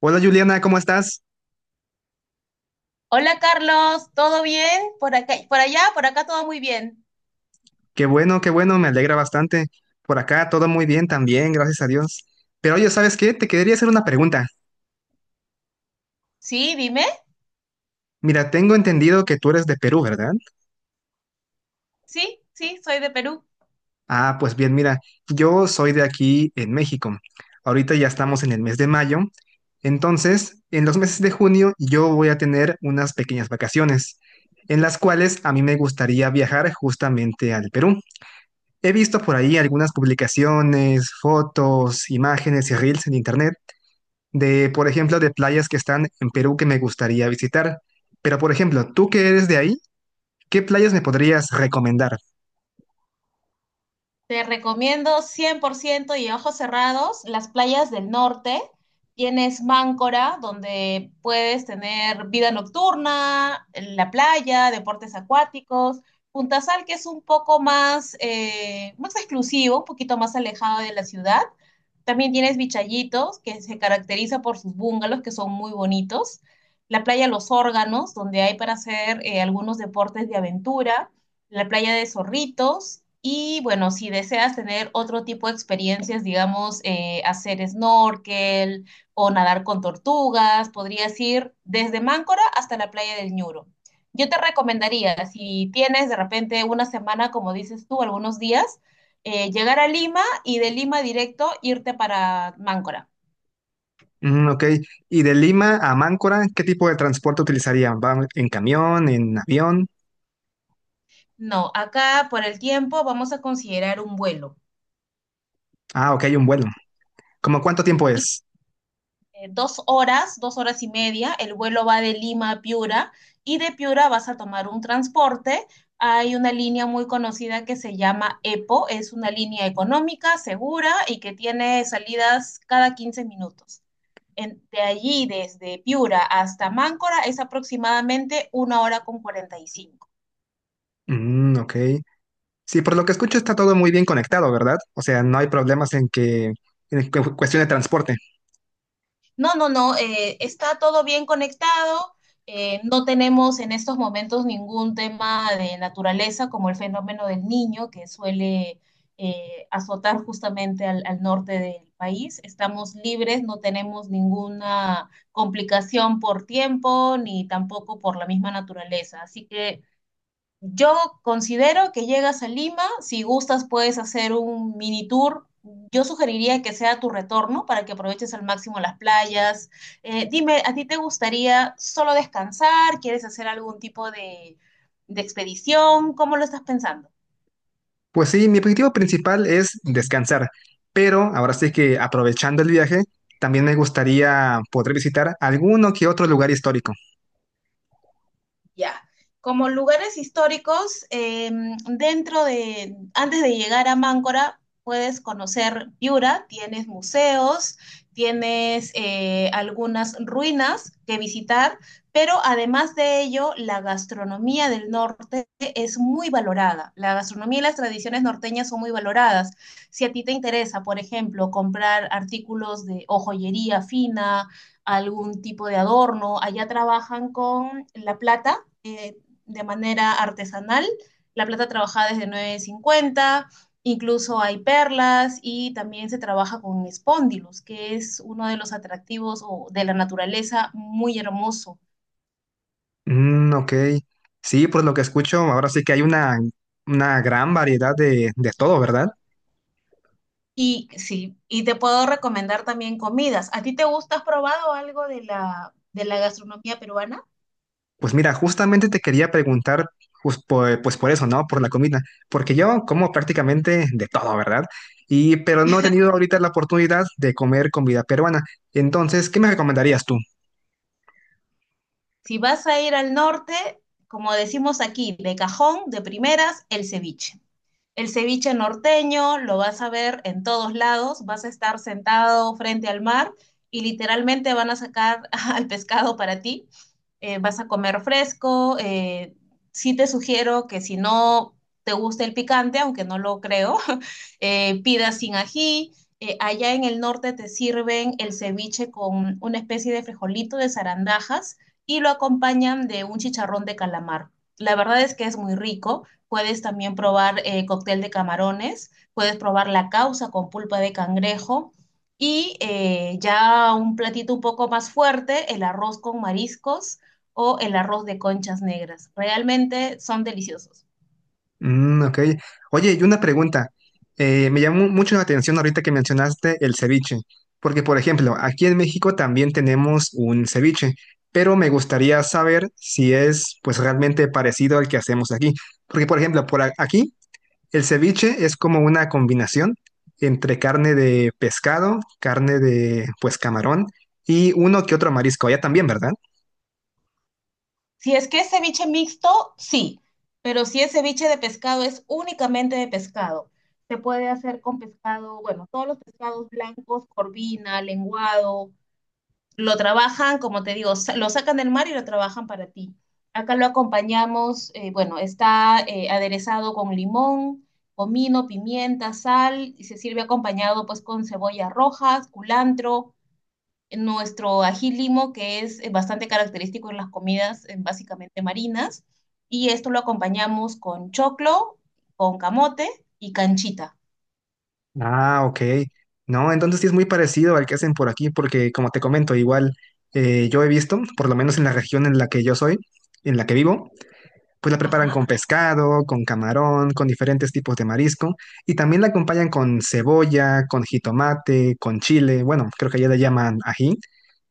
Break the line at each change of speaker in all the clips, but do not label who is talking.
Hola Juliana, ¿cómo estás?
Hola Carlos, ¿todo bien? ¿Por acá, por allá? Por acá todo muy bien.
Qué bueno, me alegra bastante. Por acá todo muy bien también, gracias a Dios. Pero oye, ¿sabes qué? Te quería hacer una pregunta.
Sí, dime.
Mira, tengo entendido que tú eres de Perú, ¿verdad?
Sí, sí, soy de Perú.
Ah, pues bien, mira, yo soy de aquí en México. Ahorita ya estamos en el mes de mayo. Entonces, en los meses de junio yo voy a tener unas pequeñas vacaciones, en las cuales a mí me gustaría viajar justamente al Perú. He visto por ahí algunas publicaciones, fotos, imágenes y reels en internet, de, por ejemplo, de playas que están en Perú que me gustaría visitar. Pero, por ejemplo, tú que eres de ahí, ¿qué playas me podrías recomendar?
Te recomiendo 100% y ojos cerrados las playas del norte. Tienes Máncora, donde puedes tener vida nocturna, la playa, deportes acuáticos. Punta Sal, que es un poco más exclusivo, un poquito más alejado de la ciudad. También tienes Vichayitos, que se caracteriza por sus bungalows, que son muy bonitos. La playa Los Órganos, donde hay para hacer algunos deportes de aventura. La playa de Zorritos. Y bueno, si deseas tener otro tipo de experiencias, digamos, hacer snorkel o nadar con tortugas, podrías ir desde Máncora hasta la playa del Ñuro. Yo te recomendaría, si tienes de repente una semana, como dices tú, algunos días, llegar a Lima y de Lima directo irte para Máncora.
Mm, ok. Y de Lima a Máncora, ¿qué tipo de transporte utilizaría, va en camión, en avión?
No, acá por el tiempo vamos a considerar un vuelo.
Ah, ok, un vuelo. ¿Cómo cuánto tiempo es?
Dos horas, dos horas y media. El vuelo va de Lima a Piura y de Piura vas a tomar un transporte. Hay una línea muy conocida que se llama EPO, es una línea económica, segura y que tiene salidas cada 15 minutos. De allí, desde Piura hasta Máncora, es aproximadamente 1 hora con 45.
Mm, ok. Sí, por lo que escucho está todo muy bien conectado, ¿verdad? O sea, no hay problemas en que, cuestión de transporte.
No, no, no, está todo bien conectado. No tenemos en estos momentos ningún tema de naturaleza como el fenómeno del niño que suele azotar justamente al norte del país. Estamos libres, no tenemos ninguna complicación por tiempo ni tampoco por la misma naturaleza. Así que yo considero que llegas a Lima, si gustas puedes hacer un mini tour. Yo sugeriría que sea tu retorno para que aproveches al máximo las playas. Dime, ¿a ti te gustaría solo descansar? ¿Quieres hacer algún tipo de expedición? ¿Cómo lo estás pensando?
Pues sí, mi objetivo principal es descansar, pero ahora sí que aprovechando el viaje, también me gustaría poder visitar alguno que otro lugar histórico.
Ya. Como lugares históricos, antes de llegar a Máncora, puedes conocer Piura, tienes museos, tienes algunas ruinas que visitar, pero además de ello, la gastronomía del norte es muy valorada. La gastronomía y las tradiciones norteñas son muy valoradas. Si a ti te interesa, por ejemplo, comprar artículos de o joyería fina, algún tipo de adorno, allá trabajan con la plata eh, de manera artesanal, la plata trabajada es de 950. Incluso hay perlas y también se trabaja con spondylus, que es uno de los atractivos o de la naturaleza muy hermoso.
Mm, ok. Sí, por lo que escucho, ahora sí que hay una gran variedad de todo, ¿verdad?
Y sí, y te puedo recomendar también comidas. ¿A ti te gusta? ¿Has probado algo de la gastronomía peruana?
Pues mira, justamente te quería preguntar, pues por, pues por eso, ¿no? Por la comida, porque yo como prácticamente de todo, ¿verdad? Y, pero no he tenido ahorita la oportunidad de comer comida peruana. Entonces, ¿qué me recomendarías tú?
Si vas a ir al norte, como decimos aquí, de cajón, de primeras, el ceviche. El ceviche norteño lo vas a ver en todos lados, vas a estar sentado frente al mar y literalmente van a sacar al pescado para ti. Vas a comer fresco. Sí te sugiero que si no te gusta el picante, aunque no lo creo, pidas sin ají. Allá en el norte te sirven el ceviche con una especie de frijolito de zarandajas y lo acompañan de un chicharrón de calamar. La verdad es que es muy rico. Puedes también probar cóctel de camarones, puedes probar la causa con pulpa de cangrejo y ya un platito un poco más fuerte, el arroz con mariscos o el arroz de conchas negras. Realmente son deliciosos.
Mm, ok. Oye, y una pregunta. Me llamó mucho la atención ahorita que mencionaste el ceviche, porque por ejemplo, aquí en México también tenemos un ceviche, pero me gustaría saber si es pues realmente parecido al que hacemos aquí, porque por ejemplo, aquí el ceviche es como una combinación entre carne de pescado, carne de pues camarón y uno que otro marisco, allá también, ¿verdad?
Si es que es ceviche mixto, sí, pero si es ceviche de pescado, es únicamente de pescado. Se puede hacer con pescado, bueno, todos los pescados blancos, corvina, lenguado, lo trabajan, como te digo, lo sacan del mar y lo trabajan para ti. Acá lo acompañamos, bueno, está aderezado con limón, comino, pimienta, sal, y se sirve acompañado pues con cebollas rojas, culantro, nuestro ají limo, que es bastante característico en las comidas básicamente marinas, y esto lo acompañamos con choclo, con camote y canchita.
Ah, ok. No, entonces sí es muy parecido al que hacen por aquí, porque como te comento, igual yo he visto, por lo menos en la región en la que yo soy, en la que vivo, pues la preparan
Ajá.
con pescado, con camarón, con diferentes tipos de marisco, y también la acompañan con cebolla, con jitomate, con chile, bueno, creo que allá le llaman ají,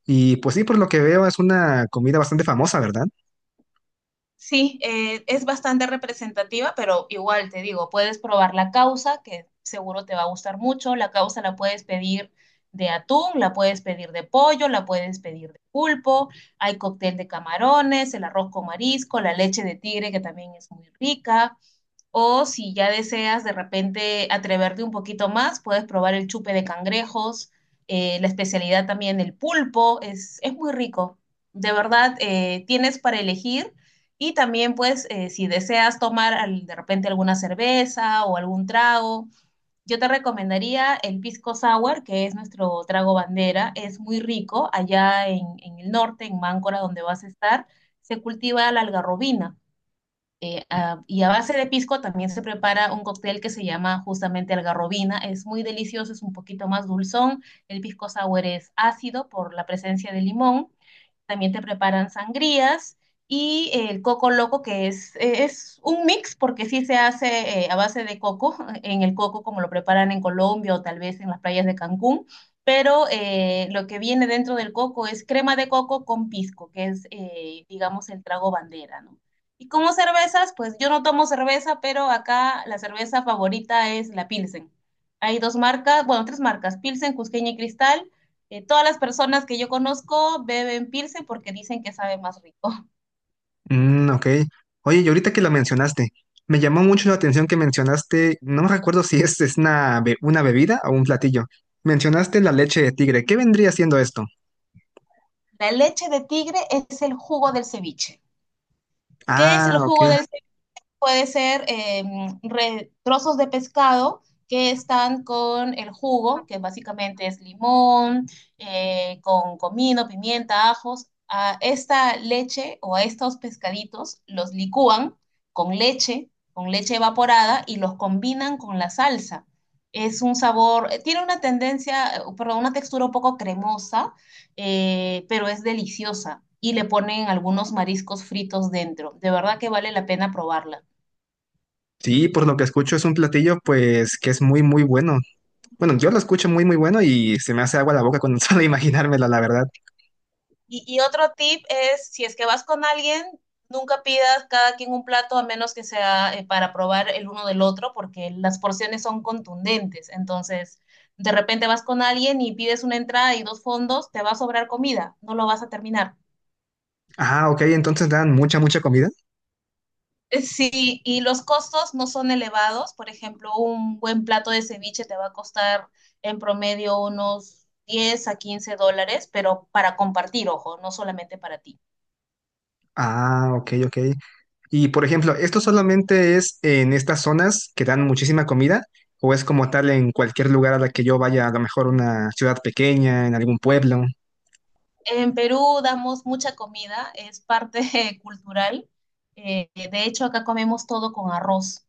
y pues sí, por lo que veo es una comida bastante famosa, ¿verdad?
Sí, es bastante representativa, pero igual te digo, puedes probar la causa, que seguro te va a gustar mucho. La causa la puedes pedir de atún, la puedes pedir de pollo, la puedes pedir de pulpo. Hay cóctel de camarones, el arroz con marisco, la leche de tigre, que también es muy rica. O si ya deseas de repente atreverte un poquito más, puedes probar el chupe de cangrejos, la especialidad también el pulpo, es muy rico. De verdad, tienes para elegir y también pues si deseas tomar de repente alguna cerveza o algún trago, yo te recomendaría el pisco sour, que es nuestro trago bandera, es muy rico allá en el norte, en Máncora, donde vas a estar, se cultiva la algarrobina. Ah, y a base de pisco también se prepara un cóctel que se llama justamente algarrobina. Es muy delicioso, es un poquito más dulzón. El pisco sour es ácido por la presencia de limón. También te preparan sangrías y el coco loco, que es un mix, porque sí se hace a base de coco, en el coco como lo preparan en Colombia o tal vez en las playas de Cancún, pero lo que viene dentro del coco es crema de coco con pisco, que es, digamos, el trago bandera, ¿no? Y como cervezas, pues yo no tomo cerveza, pero acá la cerveza favorita es la Pilsen. Hay dos marcas, bueno, tres marcas, Pilsen, Cusqueña y Cristal. Todas las personas que yo conozco beben Pilsen porque dicen que sabe más rico.
Mm, ok. Oye, y ahorita que la mencionaste, me llamó mucho la atención que mencionaste, no me recuerdo si es, es una, una bebida o un platillo. Mencionaste la leche de tigre. ¿Qué vendría siendo esto?
La leche de tigre es el jugo del ceviche. ¿Qué es
Ah,
el
ok.
jugo del puede ser trozos de pescado que están con el jugo, que básicamente es limón, con comino, pimienta, ajos. A esta leche o a estos pescaditos los licúan con leche evaporada y los combinan con la salsa. Es un sabor, tiene una tendencia, perdón, una textura un poco cremosa, pero es deliciosa. Y le ponen algunos mariscos fritos dentro. De verdad que vale la pena probarla.
Sí, por lo que escucho es un platillo pues que es muy, muy bueno. Bueno, yo lo escucho muy, muy bueno y se me hace agua la boca con solo imaginármela, la verdad.
Y otro tip es, si es que vas con alguien, nunca pidas cada quien un plato a menos que sea para probar el uno del otro, porque las porciones son contundentes. Entonces, de repente vas con alguien y pides una entrada y dos fondos, te va a sobrar comida, no lo vas a terminar.
Ah, ok, entonces dan mucha, mucha comida.
Sí, y los costos no son elevados. Por ejemplo, un buen plato de ceviche te va a costar en promedio unos 10 a 15 dólares, pero para compartir, ojo, no solamente para ti.
Ah, ok, ok. Y por ejemplo, ¿esto solamente es en estas zonas que dan muchísima comida o es como tal en cualquier lugar a la que yo vaya, a lo mejor una ciudad pequeña, en algún pueblo?
En Perú damos mucha comida, es parte cultural. De hecho, acá comemos todo con arroz.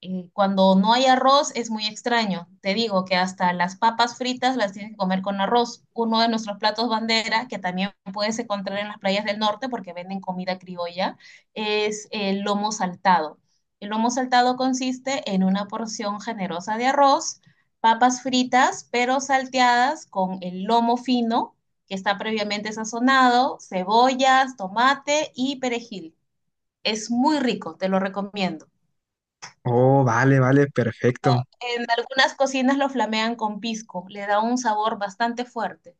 Cuando no hay arroz es muy extraño. Te digo que hasta las papas fritas las tienes que comer con arroz. Uno de nuestros platos bandera, que también puedes encontrar en las playas del norte porque venden comida criolla, es el lomo saltado. El lomo saltado consiste en una porción generosa de arroz, papas fritas, pero salteadas con el lomo fino, que está previamente sazonado, cebollas, tomate y perejil. Es muy rico, te lo recomiendo.
Oh, vale, vale, perfecto.
En algunas cocinas lo flamean con pisco, le da un sabor bastante fuerte.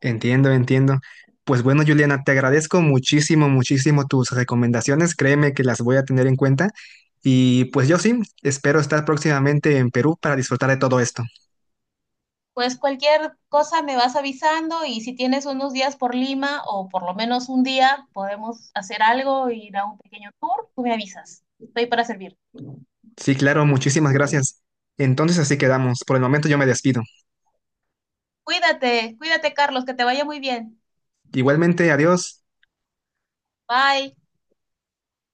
Entiendo, entiendo. Pues bueno, Juliana, te agradezco muchísimo, muchísimo tus recomendaciones. Créeme que las voy a tener en cuenta. Y pues yo sí, espero estar próximamente en Perú para disfrutar de todo esto.
Pues cualquier cosa me vas avisando y si tienes unos días por Lima o por lo menos un día, podemos hacer algo, ir a un pequeño tour, tú me avisas. Estoy para servir.
Sí, claro, muchísimas gracias. Entonces así quedamos. Por el momento yo me despido.
Cuídate, cuídate Carlos, que te vaya muy bien.
Igualmente, adiós.
Bye.